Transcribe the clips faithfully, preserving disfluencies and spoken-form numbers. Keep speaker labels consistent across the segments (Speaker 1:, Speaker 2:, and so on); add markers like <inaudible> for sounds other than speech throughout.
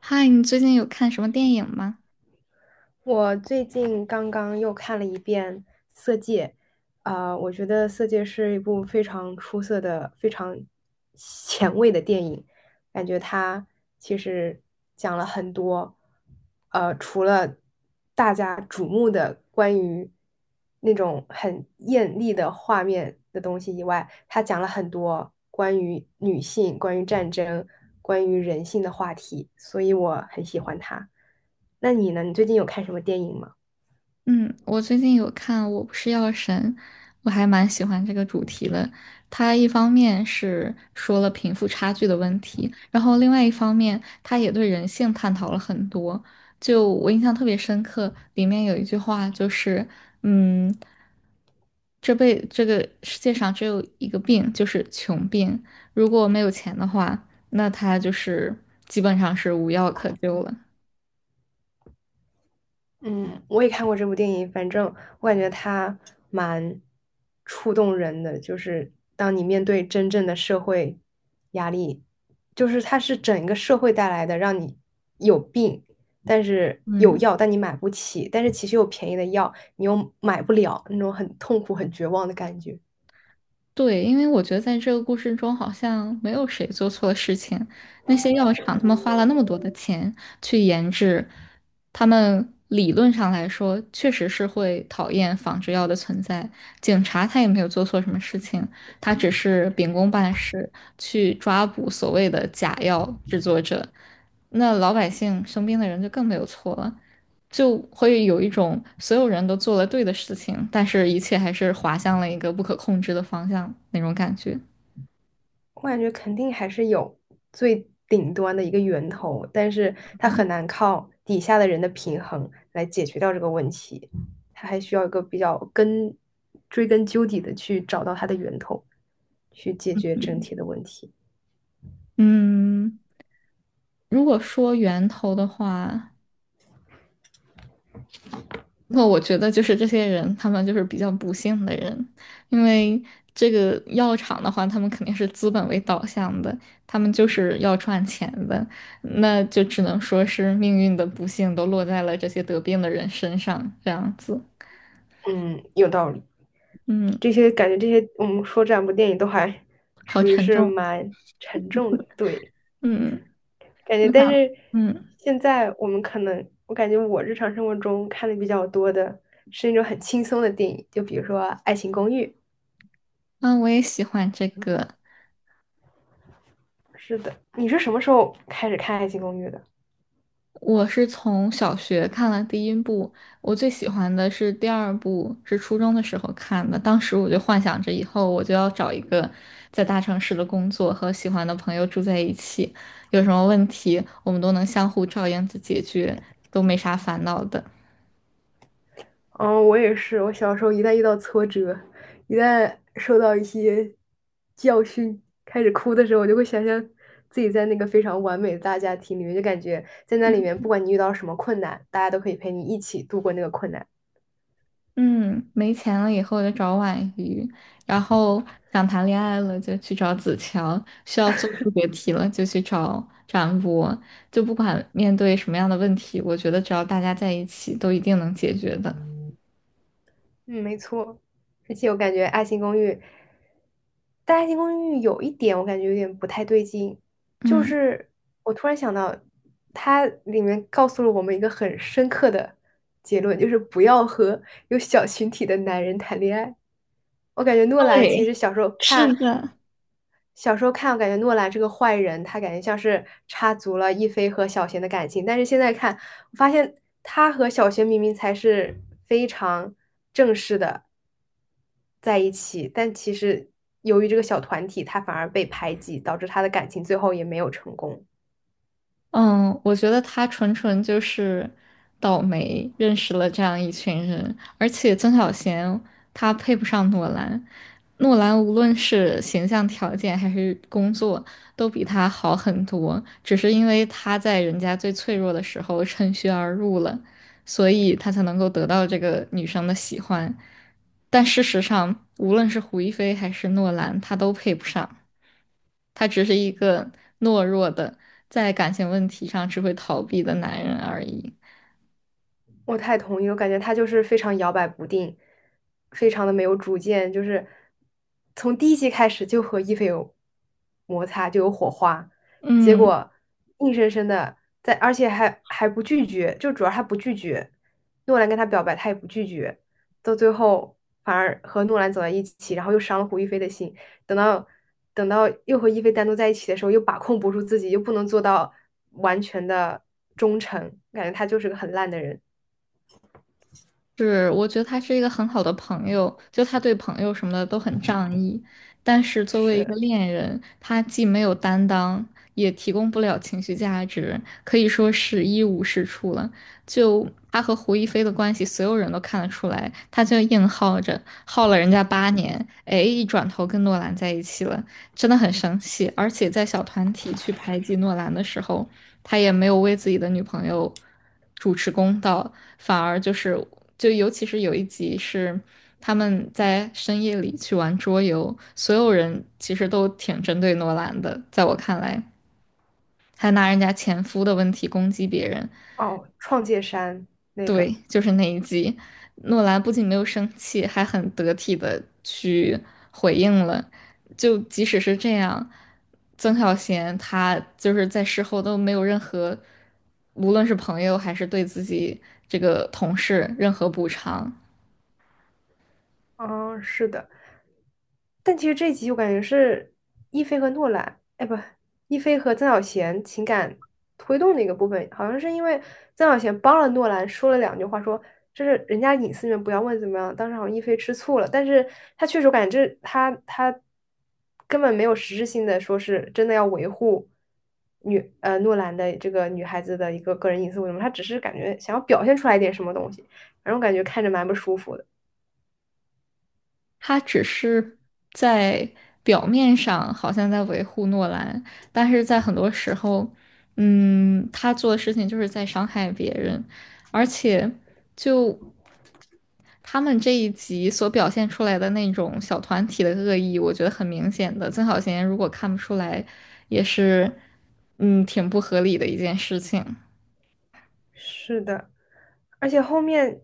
Speaker 1: 嗨，你最近有看什么电影吗？
Speaker 2: 我最近刚刚又看了一遍《色戒》，啊、我觉得《色戒》是一部非常出色的、非常前卫的电影。感觉他其实讲了很多，呃，除了大家瞩目的关于那种很艳丽的画面的东西以外，他讲了很多关于女性、关于战争、关于人性的话题，所以我很喜欢他。那你呢？你最近有看什么电影吗？
Speaker 1: 嗯，我最近有看《我不是药神》，我还蛮喜欢这个主题的。它一方面是说了贫富差距的问题，然后另外一方面，它也对人性探讨了很多。就我印象特别深刻，里面有一句话就是，嗯，这辈这个世界上只有一个病，就是穷病。如果没有钱的话，那他就是基本上是无药可救了。
Speaker 2: 嗯，我也看过这部电影，反正我感觉它蛮触动人的，就是当你面对真正的社会压力，就是它是整个社会带来的，让你有病，但是有
Speaker 1: 嗯。
Speaker 2: 药，但你买不起，但是其实有便宜的药，你又买不了，那种很痛苦、很绝望的感觉。
Speaker 1: 对，因为我觉得在这个故事中，好像没有谁做错了事情。那些药厂，他们花了那么多的钱去研制，他们理论上来说，确实是会讨厌仿制药的存在。警察他也没有做错什么事情，他只是秉公办事，去抓捕所谓的假药制作者，那老百姓生病的人就更没有错了，就会有一种所有人都做了对的事情，但是一切还是滑向了一个不可控制的方向那种感觉。
Speaker 2: 我感觉肯定还是有最顶端的一个源头，但是它很难靠底下的人的平衡来解决掉这个问题，它还需要一个比较根，追根究底的去找到它的源头，去解决整体的问题。
Speaker 1: 嗯，如果说源头的话。那我觉得就是这些人，他们就是比较不幸的人，因为这个药厂的话，他们肯定是资本为导向的，他们就是要赚钱的，那就只能说是命运的不幸都落在了这些得病的人身上，这样子。
Speaker 2: 嗯，有道理。
Speaker 1: 嗯，
Speaker 2: 这些感觉这些我们说这两部电影都还 <laughs>
Speaker 1: 好
Speaker 2: 属于
Speaker 1: 沉
Speaker 2: 是
Speaker 1: 重。
Speaker 2: 蛮沉重的，对。
Speaker 1: 嗯，嗯
Speaker 2: 感觉，
Speaker 1: 我
Speaker 2: 但
Speaker 1: 想，
Speaker 2: 是
Speaker 1: 嗯，
Speaker 2: 现在我们可能，我感觉我日常生活中看的比较多的是那种很轻松的电影，就比如说《爱情公寓》。
Speaker 1: 啊，我也喜欢这个。
Speaker 2: 是的，你是什么时候开始看《爱情公寓》的？
Speaker 1: 我是从小学看了第一部，我最喜欢的是第二部，是初中的时候看的。当时我就幻想着以后我就要找一个在大城市的工作，和喜欢的朋友住在一起，有什么问题我们都能相互照应着解决，都没啥烦恼的。
Speaker 2: 嗯，我也是，我小时候一旦遇到挫折，一旦受到一些教训，开始哭的时候，我就会想象自己在那个非常完美的大家庭里面，就感觉在那里面，不管你遇到什么困难，大家都可以陪你一起度过那个困难。
Speaker 1: 嗯，没钱了以后就找婉瑜，然后想谈恋爱了就去找子乔，需要做数学题了就去找展博，就不管面对什么样的问题，我觉得只要大家在一起，都一定能解决的。
Speaker 2: 嗯，没错。而且我感觉《爱情公寓》，但《爱情公寓》有一点我感觉有点不太对劲，就
Speaker 1: 嗯。
Speaker 2: 是我突然想到，它里面告诉了我们一个很深刻的结论，就是不要和有小群体的男人谈恋爱。我感觉诺兰其实
Speaker 1: 对，
Speaker 2: 小时候看，
Speaker 1: 是的。
Speaker 2: 小时候看，我感觉诺兰这个坏人，他感觉像是插足了一菲和小贤的感情，但是现在看，我发现他和小贤明明才是非常正式的在一起，但其实由于这个小团体，他反而被排挤，导致他的感情最后也没有成功。
Speaker 1: 嗯，我觉得他纯纯就是倒霉，认识了这样一群人，而且曾小贤他配不上诺兰，诺兰无论是形象条件还是工作都比他好很多，只是因为他在人家最脆弱的时候趁虚而入了，所以他才能够得到这个女生的喜欢，但事实上，无论是胡一菲还是诺兰，他都配不上。他只是一个懦弱的，在感情问题上只会逃避的男人而已。
Speaker 2: 我太同意了我感觉他就是非常摇摆不定，非常的没有主见，就是从第一集开始就和伊菲有摩擦，就有火花，结
Speaker 1: 嗯，
Speaker 2: 果硬生生的在，而且还还不拒绝，就主要他不拒绝，诺兰跟他表白，他也不拒绝，到最后反而和诺兰走在一起，然后又伤了胡一菲的心，等到等到又和一菲单独在一起的时候，又把控不住自己，又不能做到完全的忠诚，感觉他就是个很烂的人。
Speaker 1: 是，我觉得他是一个很好的朋友，就他对朋友什么的都很仗义，但是作为一个
Speaker 2: 是
Speaker 1: 恋人，他既没有担当，也提供不了情绪价值，可以说是一无是处了。就他和胡一菲的关系，所有人都看得出来，他就硬耗着，耗了人家八年，哎，一转头跟诺兰在一起了，真的很生气。而且在小团体去排挤诺兰的时候，他也没有为自己的女朋友主持公道，反而就是就尤其是有一集是他们在深夜里去玩桌游，所有人其实都挺针对诺兰的，在我看来，还拿人家前夫的问题攻击别人。
Speaker 2: 哦，创界山那个，
Speaker 1: 对，就是那一集，诺兰不仅没有生气，还很得体的去回应了。就即使是这样，曾小贤他就是在事后都没有任何，无论是朋友还是对自己这个同事任何补偿，
Speaker 2: 嗯，是的，但其实这一集我感觉是一菲和诺兰，哎不，一菲和曾小贤情感推动的一个部分，好像是因为曾小贤帮了诺兰说了两句话说，这是人家隐私里面不要问怎么样。当时好像一菲吃醋了，但是他确实我感觉这他他根本没有实质性的说是真的要维护女呃诺兰的这个女孩子的一个个人隐私为什么，他只是感觉想要表现出来一点什么东西，反正我感觉看着蛮不舒服的。
Speaker 1: 他只是在表面上好像在维护诺兰，但是在很多时候，嗯，他做的事情就是在伤害别人。而且就。他们这一集所表现出来的那种小团体的恶意，我觉得很明显的。曾小贤如果看不出来，也是，嗯，挺不合理的一件事情。
Speaker 2: 是的，而且后面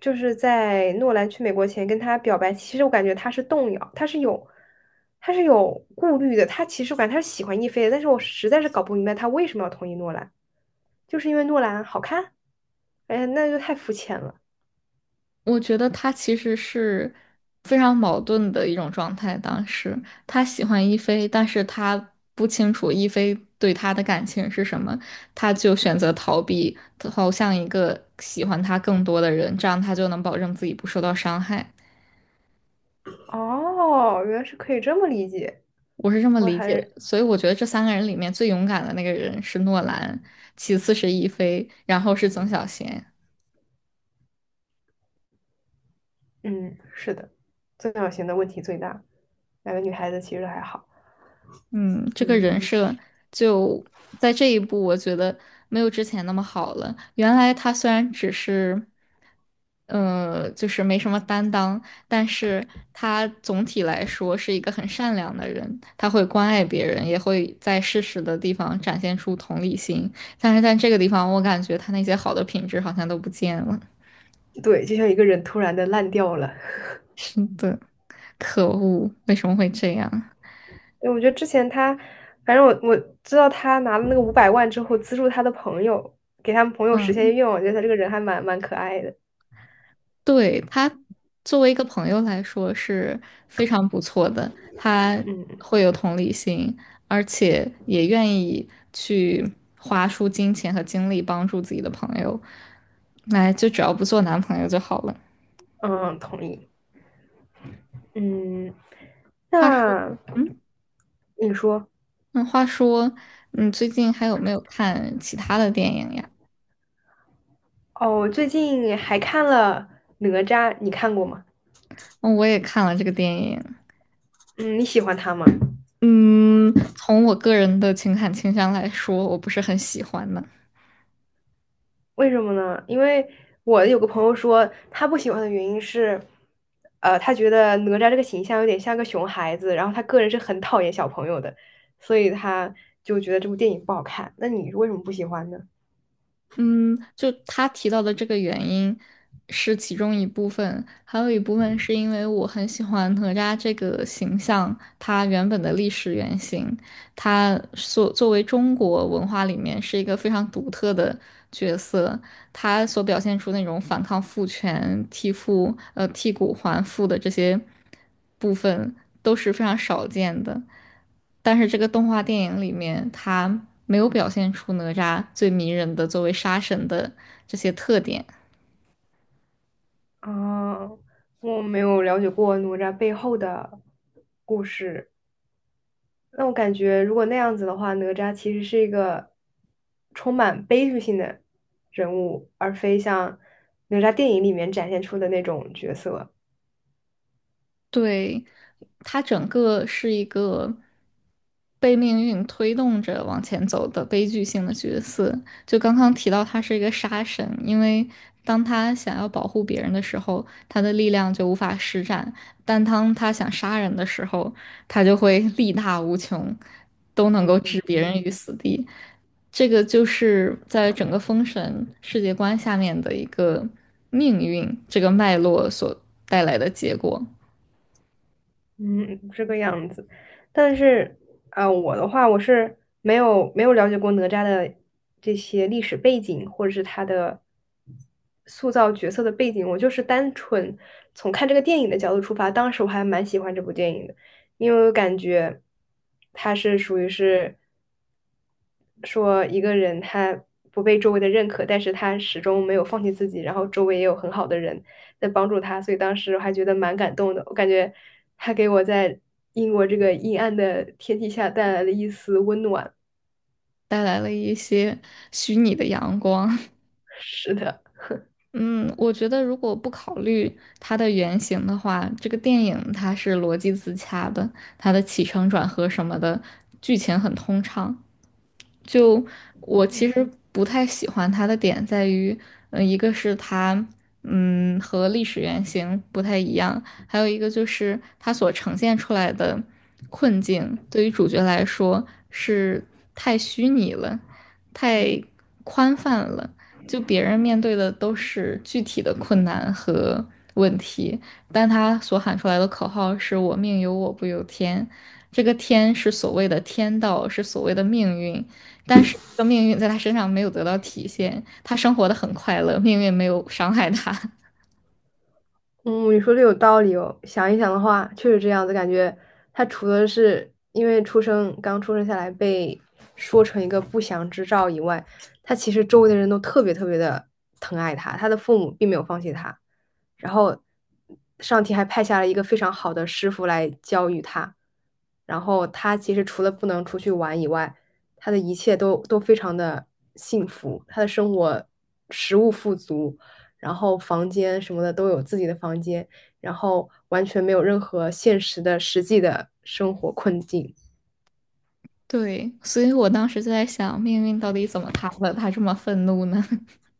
Speaker 2: 就是在诺兰去美国前跟他表白，其实我感觉他是动摇，他是有他是有顾虑的，他其实我感觉他是喜欢亦菲的，但是我实在是搞不明白他为什么要同意诺兰，就是因为诺兰好看？哎呀那就太肤浅了。
Speaker 1: 我觉得他其实是非常矛盾的一种状态。当时他喜欢一菲，但是他不清楚一菲对他的感情是什么，他就选择逃避，投向一个喜欢他更多的人，这样他就能保证自己不受到伤害。
Speaker 2: 哦，原来是可以这么理解，
Speaker 1: 我是这么
Speaker 2: 我
Speaker 1: 理解
Speaker 2: 还
Speaker 1: 的，所以我觉得这三个人里面最勇敢的那个人是诺兰，其次是亦菲，然后是曾小贤。
Speaker 2: 嗯是的，自小型的问题最大，两个女孩子其实还好，
Speaker 1: 嗯，这个
Speaker 2: 嗯，
Speaker 1: 人设就在这一步，我觉得没有之前那么好了。原来他虽然只是，呃，就是没什么担当，但是他总体来说是一个很善良的人，他会关爱别人，也会在适时的地方展现出同理心。但是在这个地方，我感觉他那些好的品质好像都不见了。
Speaker 2: 对，就像一个人突然的烂掉了。
Speaker 1: <laughs> 是的，可恶，为什么会这样？
Speaker 2: 对，我觉得之前他，反正我我知道他拿了那个五百万之后，资助他的朋友，给他们朋友实现
Speaker 1: 嗯，
Speaker 2: 愿望，我觉得他这个人还蛮蛮可爱的。
Speaker 1: 对，他作为一个朋友来说是非常不错的，他
Speaker 2: 嗯
Speaker 1: 会有同理心，而且也愿意去花出金钱和精力帮助自己的朋友。来，就只要不做男朋友就好了。
Speaker 2: 嗯，同意。嗯，
Speaker 1: 话说，
Speaker 2: 那
Speaker 1: 嗯，
Speaker 2: 你说，
Speaker 1: 那话说，你最近还有没有看其他的电影呀？
Speaker 2: 哦，我最近还看了《哪吒》，你看过吗？
Speaker 1: 嗯，我也看了这个电影。
Speaker 2: 嗯，你喜欢他吗？
Speaker 1: 嗯，从我个人的情感倾向来说，我不是很喜欢的。
Speaker 2: 为什么呢？因为我有个朋友说，他不喜欢的原因是，呃，他觉得哪吒这个形象有点像个熊孩子，然后他个人是很讨厌小朋友的，所以他就觉得这部电影不好看。那你为什么不喜欢呢？
Speaker 1: 嗯，就他提到的这个原因是其中一部分，还有一部分是因为我很喜欢哪吒这个形象，他原本的历史原型，他所作为中国文化里面是一个非常独特的角色，他所表现出那种反抗父权、替父呃替骨还父的这些部分都是非常少见的。但是这个动画电影里面，他没有表现出哪吒最迷人的作为杀神的这些特点。
Speaker 2: 啊，我没有了解过哪吒背后的故事。那我感觉，如果那样子的话，哪吒其实是一个充满悲剧性的人物，而非像哪吒电影里面展现出的那种角色。
Speaker 1: 对，他整个是一个被命运推动着往前走的悲剧性的角色。就刚刚提到，他是一个杀神，因为当他想要保护别人的时候，他的力量就无法施展；但当他想杀人的时候，他就会力大无穷，都能够置别人于死地。这个就是在整个封神世界观下面的一个命运这个脉络所带来的结果。
Speaker 2: 嗯，这个样子。但是，啊，我的话，我是没有没有了解过哪吒的这些历史背景，或者是他的塑造角色的背景。我就是单纯从看这个电影的角度出发，当时我还蛮喜欢这部电影的，因为我感觉它是属于是。说一个人他不被周围的认可，但是他始终没有放弃自己，然后周围也有很好的人在帮助他，所以当时我还觉得蛮感动的。我感觉他给我在英国这个阴暗的天气下带来了一丝温暖。
Speaker 1: 带来了一些虚拟的阳光。
Speaker 2: 是的。
Speaker 1: 嗯，我觉得如果不考虑它的原型的话，这个电影它是逻辑自洽的，它的起承转合什么的，剧情很通畅。就我其实不太喜欢它的点在于，嗯、一个是它，嗯，和历史原型不太一样，还有一个就是它所呈现出来的困境，对于主角来说是太虚拟了，太宽泛了。就别人面对的都是具体的困难和问题，但他所喊出来的口号是“我命由我不由天”，这个天是所谓的天道，是所谓的命运，但是这个命运在他身上没有得到体现，他生活的很快乐，命运没有伤害他。<laughs>
Speaker 2: 嗯，你说的有道理哦。想一想的话，确实这样子，感觉他除了是因为出生刚出生下来被说成一个不祥之兆以外，他其实周围的人都特别特别的疼爱他，他的父母并没有放弃他，然后上天还派下了一个非常好的师傅来教育他，然后他其实除了不能出去玩以外，他的一切都都非常的幸福，他的生活食物富足。然后房间什么的都有自己的房间，然后完全没有任何现实的实际的生活困境。
Speaker 1: 对，所以我当时就在想，命运到底怎么塌了？他这么愤怒呢？<laughs>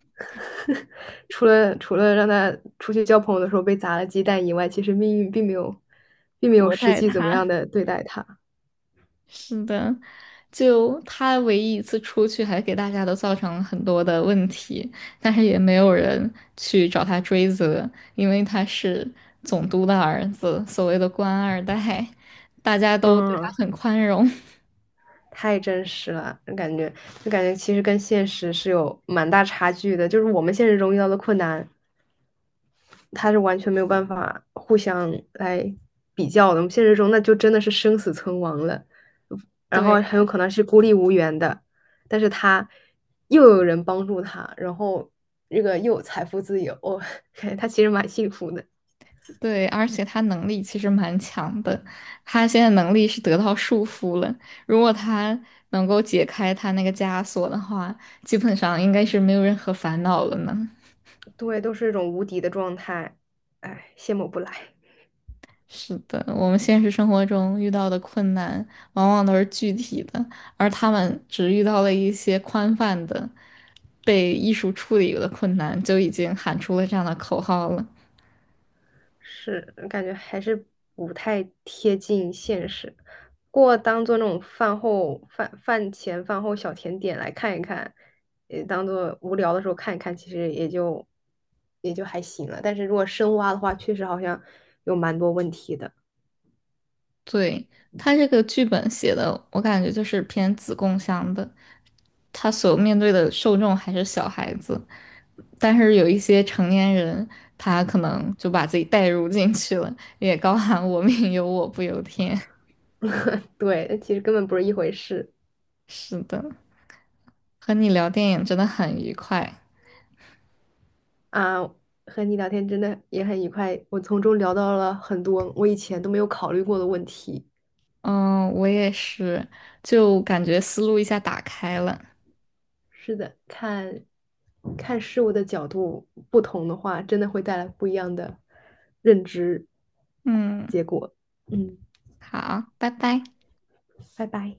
Speaker 2: 除了除了让他出去交朋友的时候被砸了鸡蛋以外，其实命运并没有并没有
Speaker 1: 薄
Speaker 2: 实
Speaker 1: 待
Speaker 2: 际怎么样
Speaker 1: 他。
Speaker 2: 的对待他。
Speaker 1: 是的，就他唯一一次出去，还给大家都造成了很多的问题，但是也没有人去找他追责，因为他是总督的儿子，所谓的官二代，大家都对他
Speaker 2: 嗯，
Speaker 1: 很宽容。<laughs>
Speaker 2: 太真实了，感觉就感觉其实跟现实是有蛮大差距的，就是我们现实中遇到的困难。他是完全没有办法互相来比较的。我们现实中那就真的是生死存亡了，然
Speaker 1: 对
Speaker 2: 后很有
Speaker 1: 呀。
Speaker 2: 可能是孤立无援的。但是他又有人帮助他，然后这个又有财富自由，<laughs> 哦他其实蛮幸福的。
Speaker 1: 对，而且他能力其实蛮强的，他现在能力是得到束缚了。如果他能够解开他那个枷锁的话，基本上应该是没有任何烦恼了呢。
Speaker 2: 对，都是一种无敌的状态，哎，羡慕不来。
Speaker 1: 是的，我们现实生活中遇到的困难往往都是具体的，而他们只遇到了一些宽泛的、被艺术处理的困难，就已经喊出了这样的口号了。
Speaker 2: 是，感觉还是不太贴近现实。不过当做那种饭后饭饭前饭后小甜点来看一看，也当做无聊的时候看一看，其实也就也就还行了。但是如果深挖的话，确实好像有蛮多问题的。
Speaker 1: 对，他这个剧本写的，我感觉就是偏子供向的，他所面对的受众还是小孩子，但是有一些成年人，他可能就把自己带入进去了，也高喊“我命由我不由天” <laughs>。
Speaker 2: 对，其实根本不是一回事
Speaker 1: 是的。和你聊电影真的很愉快。
Speaker 2: 啊。和你聊天真的也很愉快，我从中聊到了很多我以前都没有考虑过的问题。
Speaker 1: 嗯，我也是，就感觉思路一下打开了。
Speaker 2: 是的，看看事物的角度不同的话，真的会带来不一样的认知
Speaker 1: 嗯，
Speaker 2: 结果。嗯，
Speaker 1: 好，拜拜。
Speaker 2: 拜拜。